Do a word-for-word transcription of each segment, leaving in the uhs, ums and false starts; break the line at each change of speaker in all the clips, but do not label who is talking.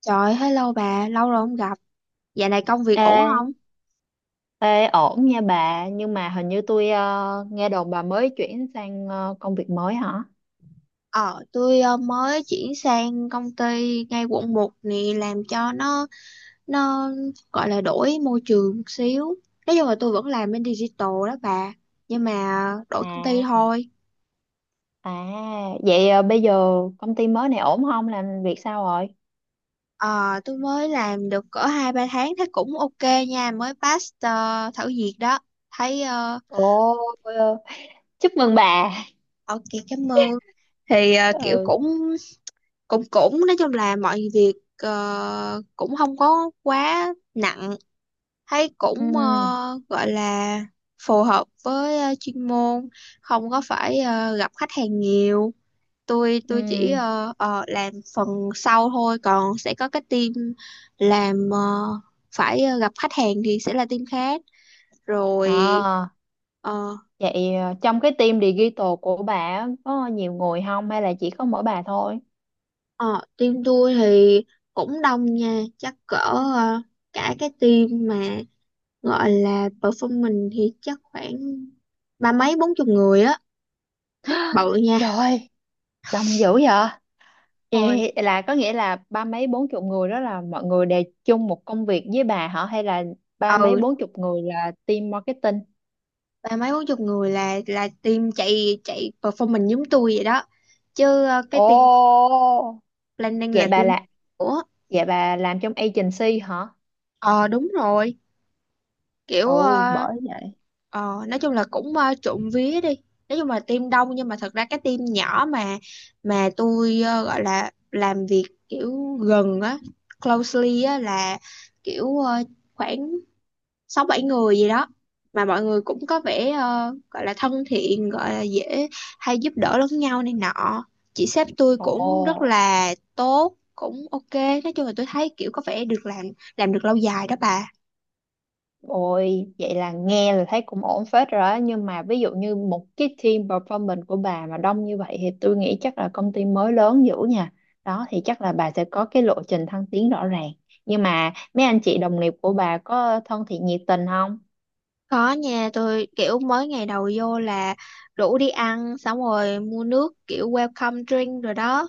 Trời, hello bà, lâu rồi không gặp. Dạo này công việc
Ê,
ổn không?
ê, ổn nha bà nhưng mà hình như tôi ờ, nghe đồn bà mới chuyển sang ờ, công việc mới hả.
Ờ, tôi ờ, mới chuyển sang công ty ngay quận một này làm cho nó nó gọi là đổi môi trường một xíu. Nói chung là tôi vẫn làm bên digital đó bà, nhưng mà đổi công ty
À,
thôi.
à, vậy ờ, bây giờ công ty mới này ổn không, làm việc sao rồi?
Ờ, tôi mới làm được cỡ hai ba tháng thấy cũng ok nha, mới pass ờ, thử việc đó. Thấy ờ,
Ồ, ờ, chúc mừng bà.
ok, cảm ơn. Thì ờ, kiểu
Ừ,
cũng cũng cũng nói chung là mọi việc ờ, cũng không có quá nặng, thấy cũng
ừ,
ờ, gọi là phù hợp với ờ, chuyên môn, không có phải ờ, gặp khách hàng nhiều. Tôi tôi chỉ
ừ.
ờ, ờ, làm phần sau thôi, còn sẽ có cái team làm, ờ, phải ờ, gặp khách hàng thì sẽ là team khác rồi.
À,
ờ
vậy ờ, trong cái team digital của bà á, có nhiều người không hay là chỉ có mỗi bà thôi?
ờ, Team tôi thì cũng đông nha, chắc cỡ ờ, cả cái team mà gọi là perform mình thì chắc khoảng ba mấy bốn chục người á, bự nha.
Trời ơi, đông dữ vậy!
Ôi,
Ê, là có nghĩa là ba mấy bốn chục người đó là mọi người đều chung một công việc với bà hả, hay là ba mấy
ừ,
bốn chục người là team marketing?
ba mấy bốn chục người là là team chạy chạy perform mình giống tôi vậy đó. Chứ ờ,
Ồ.
cái team planning
Vậy
là
bà
team
là
của.
vậy bà làm trong agency hả?
ờ Đúng rồi. Kiểu
Ồ,
ờ,
bởi vậy.
ờ, nói chung là cũng ờ, trộm vía đi, nói chung là team đông nhưng mà thật ra cái team nhỏ mà mà tôi ờ, gọi là làm việc kiểu gần á, closely á, là kiểu ờ, khoảng sáu bảy người gì đó, mà mọi người cũng có vẻ ờ, gọi là thân thiện, gọi là dễ, hay giúp đỡ lẫn nhau này nọ. Chị sếp tôi cũng rất
Ồ.
là tốt, cũng ok, nói chung là tôi thấy kiểu có vẻ được làm, làm được lâu dài đó bà.
Ôi, vậy là nghe là thấy cũng ổn phết rồi đó. Nhưng mà ví dụ như một cái team performance của bà mà đông như vậy thì tôi nghĩ chắc là công ty mới lớn dữ nha. Đó thì chắc là bà sẽ có cái lộ trình thăng tiến rõ ràng. Nhưng mà mấy anh chị đồng nghiệp của bà có thân thiện nhiệt tình không?
Có nha, tôi kiểu mới ngày đầu vô là rủ đi ăn xong rồi mua nước kiểu welcome drink rồi đó,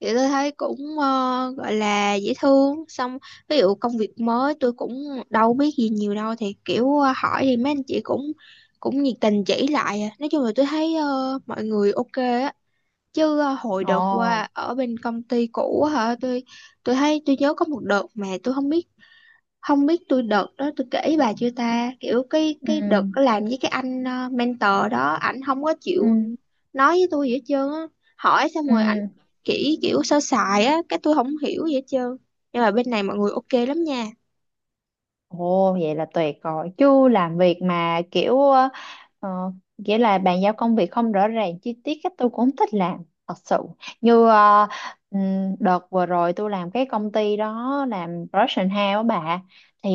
thì tôi thấy cũng ờ, gọi là dễ thương. Xong ví dụ công việc mới tôi cũng đâu biết gì nhiều đâu, thì kiểu ờ, hỏi thì mấy anh chị cũng cũng nhiệt tình chỉ lại à. Nói chung là tôi thấy ờ, mọi người ok á. Chứ ờ, hồi đợt
Ồ.
qua ở bên công ty cũ á hả, tôi tôi thấy tôi nhớ có một đợt mà tôi không biết không biết tôi đợt đó tôi kể bà chưa ta, kiểu cái cái đợt
Ừ.
đó làm với cái anh ờ, mentor đó ảnh không có
Ừ.
chịu nói với tôi gì hết trơn á. Hỏi xong
Ừ.
rồi ảnh chỉ kiểu sơ sài á, cái tôi không hiểu gì hết trơn. Nhưng mà bên này mọi người ok lắm nha.
Ồ, vậy là tuyệt rồi, chứ làm việc mà kiểu ờ, ờ, nghĩa là bàn giao công việc không rõ ràng chi tiết cách tôi cũng không thích làm thật sự, như ờ, ừm, đợt vừa rồi tôi làm cái công ty đó làm production house á bà, thì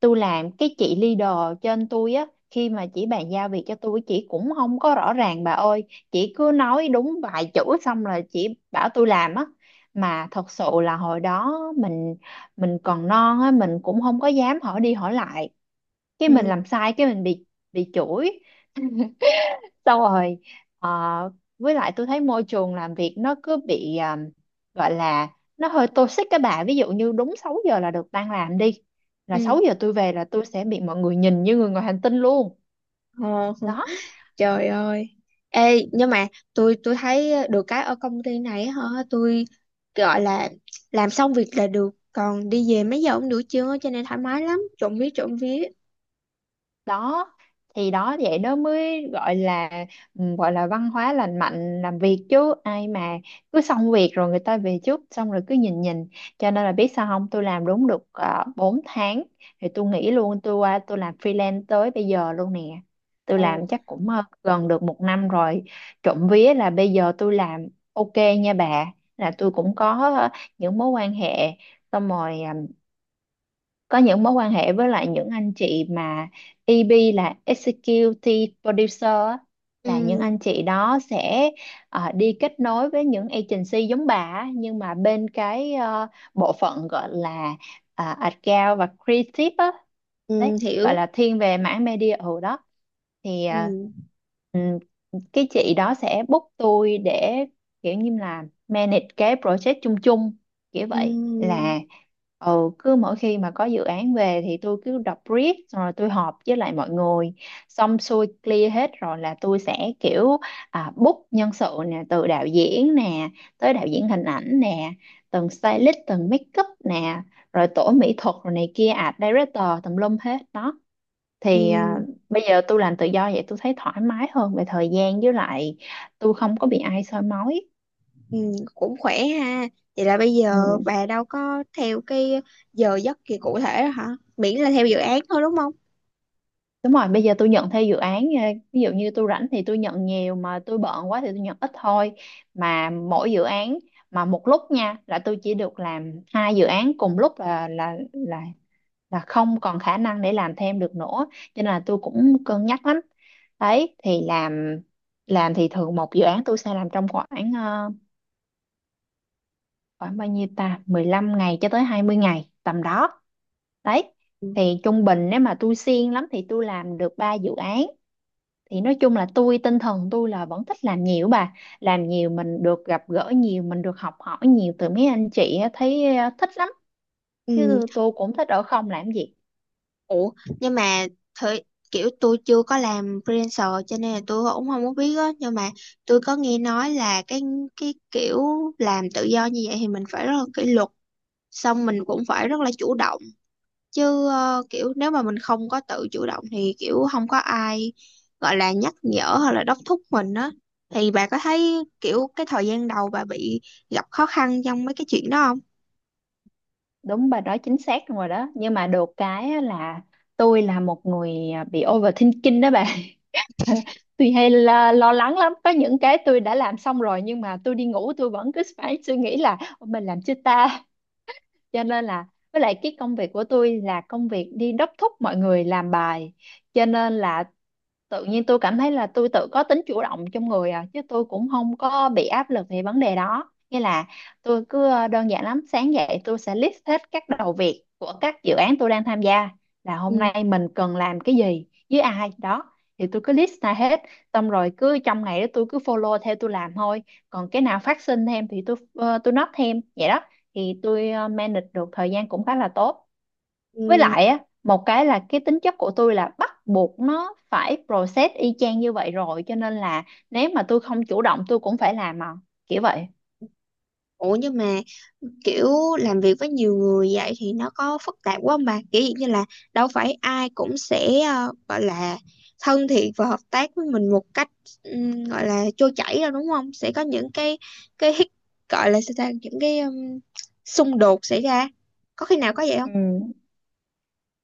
tôi làm cái chị leader trên tôi á, khi mà chị bàn giao việc cho tôi chị cũng không có rõ ràng bà ơi. Chị cứ nói đúng vài chữ xong là chị bảo tôi làm á, mà thật sự là hồi đó mình mình còn non á, mình cũng không có dám hỏi đi hỏi lại, cái mình
Ừ,
làm sai cái mình bị bị chửi. Xong rồi ờ, với lại tôi thấy môi trường làm việc nó cứ bị ờ, gọi là nó hơi toxic các bà, ví dụ như đúng sáu giờ là được tan làm đi, là
ừ.
sáu giờ tôi về là tôi sẽ bị mọi người nhìn như người ngoài hành tinh luôn
Ờ,
đó.
trời ơi. Ê, nhưng mà tôi tôi thấy được cái ở công ty này hả, tôi gọi là làm xong việc là được, còn đi về mấy giờ cũng được chưa, cho nên thoải mái lắm, trộm vía trộm vía.
Đó thì đó vậy đó mới gọi là, ừ, gọi là văn hóa lành mạnh làm việc, chứ ai mà cứ xong việc rồi người ta về trước xong rồi cứ nhìn nhìn. Cho nên là biết sao không, tôi làm đúng được uh, bốn tháng thì tôi nghỉ luôn, tôi qua tôi làm freelance tới bây giờ luôn nè. Tôi
Ờ.
làm chắc cũng ờ, gần được một năm rồi. Trộm vía là bây giờ tôi làm ok nha bà, là tôi cũng có ờ, những mối quan hệ, xong rồi ờ, có những mối quan hệ với lại những anh chị mà e bê là Executive Producer á,
Ừ,
là những anh chị đó sẽ ờ, đi kết nối với những agency giống bà á, nhưng mà bên cái ờ, bộ phận gọi là ờ, account và creative á, đấy,
ừ
gọi
hiểu.
là thiên về mảng media ở đó. Thì ờ,
Ừ.
ừm, cái chị đó sẽ book tôi để kiểu như là manage cái project chung chung kiểu vậy
Ừ.
là. Ừ, cứ mỗi khi mà có dự án về thì tôi cứ đọc brief xong rồi tôi họp với lại mọi người, xong xuôi clear hết rồi là tôi sẽ kiểu à, book nhân sự nè, từ đạo diễn nè tới đạo diễn hình ảnh nè, từng stylist, từng make up nè, rồi tổ mỹ thuật, rồi này kia art director tùm lum hết đó. Thì à,
Ừ.
bây giờ tôi làm tự do vậy tôi thấy thoải mái hơn về thời gian, với lại tôi không có bị ai soi mói.
Ừ. Cũng khỏe ha. Vậy là bây giờ
Ừ.
bà đâu có theo cái giờ giấc gì cụ thể đó hả? Miễn là theo dự án thôi đúng không?
Đúng rồi, bây giờ tôi nhận theo dự án, ờ, ví dụ như tôi rảnh thì tôi nhận nhiều, mà tôi bận quá thì tôi nhận ít thôi. Mà mỗi dự án mà một lúc nha, là tôi chỉ được làm hai dự án cùng lúc, là là là là không còn khả năng để làm thêm được nữa. Cho nên là tôi cũng cân nhắc lắm. Đấy, thì làm làm thì thường một dự án tôi sẽ làm trong khoảng ờ, khoảng bao nhiêu ta? Mười lăm ngày cho tới hai mươi ngày tầm đó. Đấy. Thì trung bình nếu mà tôi siêng lắm thì tôi làm được ba dự án. Thì nói chung là tôi, tinh thần tôi là vẫn thích làm nhiều bà, làm nhiều mình được gặp gỡ nhiều, mình được học hỏi nhiều từ mấy anh chị á, thấy ờ, thích lắm,
Ừ.
chứ tôi cũng thích ở không làm gì.
Ủa, nhưng mà thời kiểu tôi chưa có làm freelancer, cho nên là tôi cũng không có biết á. Nhưng mà tôi có nghe nói là cái cái kiểu làm tự do như vậy thì mình phải rất là kỷ luật, xong mình cũng phải rất là chủ động. Chứ ờ, kiểu nếu mà mình không có tự chủ động thì kiểu không có ai gọi là nhắc nhở hoặc là đốc thúc mình á. Thì bà có thấy kiểu cái thời gian đầu bà bị gặp khó khăn trong mấy cái chuyện đó không?
Đúng, bà nói chính xác rồi đó, nhưng mà được cái á là tôi là một người ờ, bị overthinking đó bà. Tôi hay lo, lo lắng lắm, có những cái tôi đã làm xong rồi nhưng mà tôi đi ngủ tôi vẫn cứ phải suy nghĩ là "Ôi, mình làm chưa ta?" Cho nên là, với lại cái công việc của tôi là công việc đi đốc thúc mọi người làm bài, cho nên là tự nhiên tôi cảm thấy là tôi tự có tính chủ động trong người à, chứ tôi cũng không có bị áp lực về vấn đề đó. Nghĩa là tôi cứ ờ, đơn giản lắm, sáng dậy tôi sẽ list hết các đầu việc của các dự án tôi đang tham gia, là hôm
Ừ.
nay mình cần làm cái gì với ai đó, thì tôi cứ list ra hết, xong rồi cứ trong ngày đó tôi cứ follow theo tôi làm thôi. Còn cái nào phát sinh thêm thì tôi ờ, tôi note thêm vậy đó. Thì tôi ờ, manage được thời gian cũng khá là tốt. Với
Ừ.
lại á, một cái là cái tính chất của tôi là bắt buộc nó phải process y chang như vậy rồi, cho nên là nếu mà tôi không chủ động tôi cũng phải làm mà, kiểu vậy.
Ủa, nhưng mà kiểu làm việc với nhiều người vậy thì nó có phức tạp quá không bà? Kiểu dạng như là đâu phải ai cũng sẽ ờ, gọi là thân thiện và hợp tác với mình một cách, ừm, gọi là trôi chảy đâu đúng không? Sẽ có những cái cái hít- gọi là sao ta, những cái ừm, xung đột xảy ra. Có khi nào có vậy
Ừ,
không?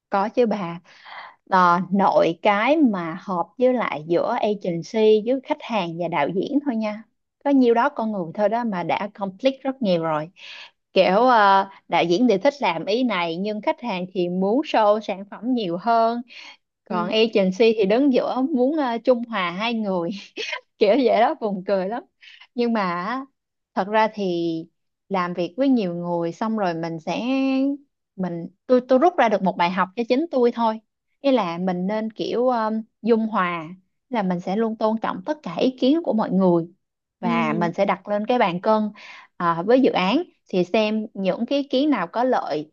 có chứ bà. Ờ, nội cái mà hợp với lại giữa agency với khách hàng và đạo diễn thôi nha, có nhiêu đó con người thôi đó mà đã conflict rất nhiều rồi. Kiểu ờ, đạo diễn thì thích làm ý này nhưng khách hàng thì muốn show sản phẩm nhiều hơn, còn
Ừ.
agency thì đứng giữa muốn ờ, trung hòa hai người, kiểu vậy đó, buồn cười lắm. Nhưng mà á, thật ra thì làm việc với nhiều người xong rồi mình sẽ, mình tôi tôi rút ra được một bài học cho chính tôi thôi. Nghĩa là mình nên kiểu um, dung hòa, là mình sẽ luôn tôn trọng tất cả ý kiến của mọi người, và
Ừ.
mình sẽ đặt lên cái bàn cân, à, với dự án thì xem những cái ý kiến nào có lợi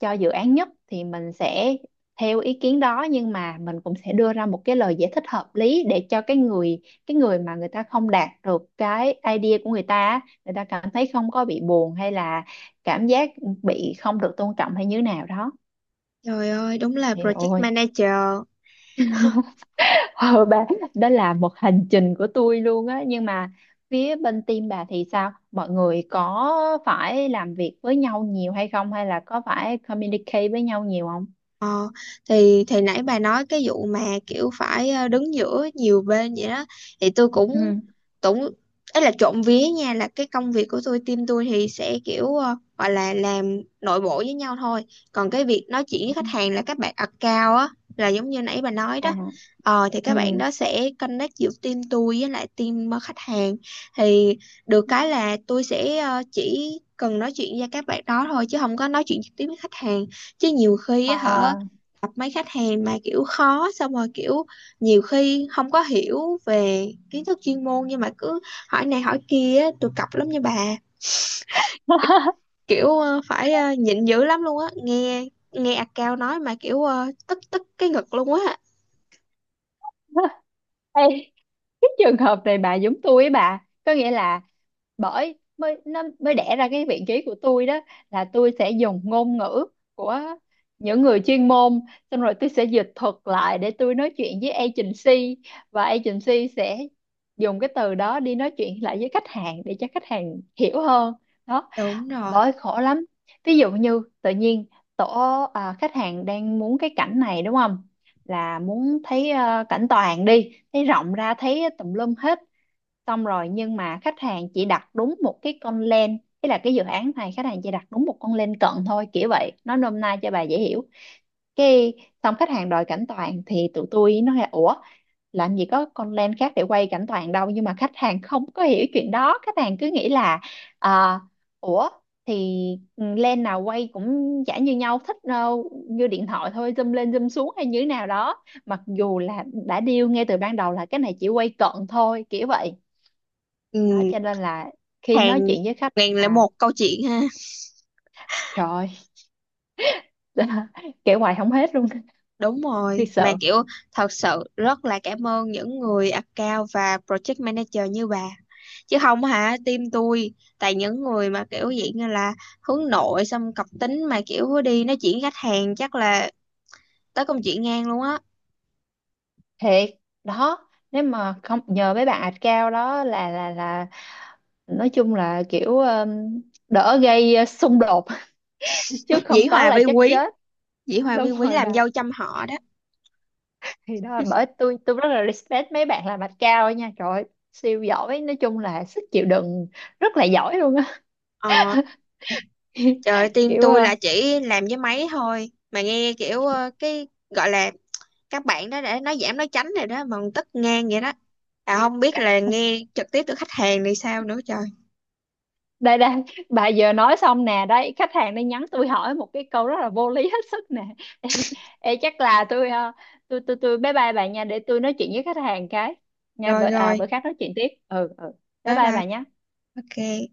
cho dự án nhất thì mình sẽ theo ý kiến đó. Nhưng mà mình cũng sẽ đưa ra một cái lời giải thích hợp lý để cho cái người cái người mà người ta không đạt được cái idea của người ta á, người ta cảm thấy không có bị buồn hay là cảm giác bị không được tôn trọng hay như thế nào đó.
Trời ơi, đúng là
Thì
project
ôi,
manager.
ờ, bà, đó là một hành trình của tôi luôn á. Nhưng mà phía bên team bà thì sao, mọi người có phải làm việc với nhau nhiều hay không, hay là có phải communicate với nhau nhiều không?
Ờ, thì thì nãy bà nói cái vụ mà kiểu phải ờ, đứng giữa nhiều bên vậy đó, thì tôi cũng
Ừ.
cũng ấy, là trộm vía nha, là cái công việc của tôi team tôi thì sẽ kiểu ờ, gọi là làm nội bộ với nhau thôi. Còn cái việc nói chuyện với khách hàng là các bạn account á, là giống như nãy bà nói
À.
đó. Ờ, thì các
Ừ.
bạn đó sẽ connect giữa team tôi với lại team ờ, khách hàng. Thì được cái là tôi sẽ ờ, chỉ cần nói chuyện với các bạn đó thôi, chứ không có nói chuyện trực tiếp với khách hàng. Chứ nhiều khi á hả,
Ờ.
gặp mấy khách hàng mà kiểu khó, xong rồi kiểu nhiều khi không có hiểu về kiến thức chuyên môn nhưng mà cứ hỏi này hỏi kia á, tôi cọc lắm nha bà. Kiểu ờ, phải ờ, nhịn dữ lắm luôn á, nghe nghe account nói mà kiểu ờ, tức tức cái ngực luôn á.
Ê, cái trường hợp này bà giống tôi ấy bà, có nghĩa là bởi mới nó mới đẻ ra cái vị trí của tôi đó, là tôi sẽ dùng ngôn ngữ của những người chuyên môn, xong rồi tôi sẽ dịch thuật lại để tôi nói chuyện với agency, và agency sẽ dùng cái từ đó đi nói chuyện lại với khách hàng để cho khách hàng hiểu hơn. Đó,
Đúng rồi.
bởi khổ lắm. Ví dụ như tự nhiên tổ à, khách hàng đang muốn cái cảnh này đúng không, là muốn thấy à, cảnh toàn, đi thấy rộng ra thấy tùm lum hết xong rồi, nhưng mà khách hàng chỉ đặt đúng một cái con lens. Ý là cái dự án này khách hàng chỉ đặt đúng một con lens cận thôi, kiểu vậy, nói nôm na cho bà dễ hiểu. Cái xong khách hàng đòi cảnh toàn thì tụi tôi nói là ủa, làm gì có con lens khác để quay cảnh toàn đâu, nhưng mà khách hàng không có hiểu chuyện đó, khách hàng cứ nghĩ là à, ủa thì lens nào quay cũng chả như nhau, thích ờ, như điện thoại thôi zoom lên zoom xuống hay như thế nào đó, mặc dù là đã deal ngay từ ban đầu là cái này chỉ quay cận thôi kiểu vậy. Đó,
Ừ,
cho nên là khi
hàng
nói chuyện với khách
ngàn lẻ
là
một câu chuyện ha.
trời ơi, kể hoài không hết luôn.
Đúng rồi,
Thiệt
mà
sự,
kiểu thật sự rất là cảm ơn những người account và project manager như bà. Chứ không hả, team tôi tại những người mà kiểu dạng như là hướng nội xong cọc tính mà kiểu đi nói chuyện khách hàng chắc là tới công chuyện ngang luôn á.
thiệt đó, nếu mà không nhờ mấy bạn ạch cao đó là là là nói chung là kiểu um, đỡ gây uh, xung đột. Chứ
Dĩ
không có
Hòa
là
vi
chắc
quý,
chết.
Dĩ Hòa
Đúng
vi quý
rồi bà,
làm dâu trăm họ đó.
thì đó là bởi tôi tôi rất là respect mấy bạn làm ạch cao nha, trời ơi, siêu giỏi, nói chung là sức chịu đựng rất là giỏi luôn á.
Ờ, trời ơi, team
Kiểu
tôi
ờ,
là chỉ làm với máy thôi mà nghe kiểu ờ, cái gọi là các bạn đó để nói giảm nói tránh rồi đó mà còn tức ngang vậy đó. À không biết là nghe trực tiếp từ khách hàng thì sao nữa trời.
đây đây bà vừa nói xong nè đấy, khách hàng đang nhắn tôi hỏi một cái câu rất là vô lý hết sức nè. Ê, ê, chắc là tôi ờ, tôi tôi tôi bye bye bà nha, để tôi nói chuyện với khách hàng cái nha,
Rồi
bởi à,
rồi,
bữa khác nói chuyện tiếp. Ừ, ừ, bye
bye
bye
bye,
bà nhé.
ok.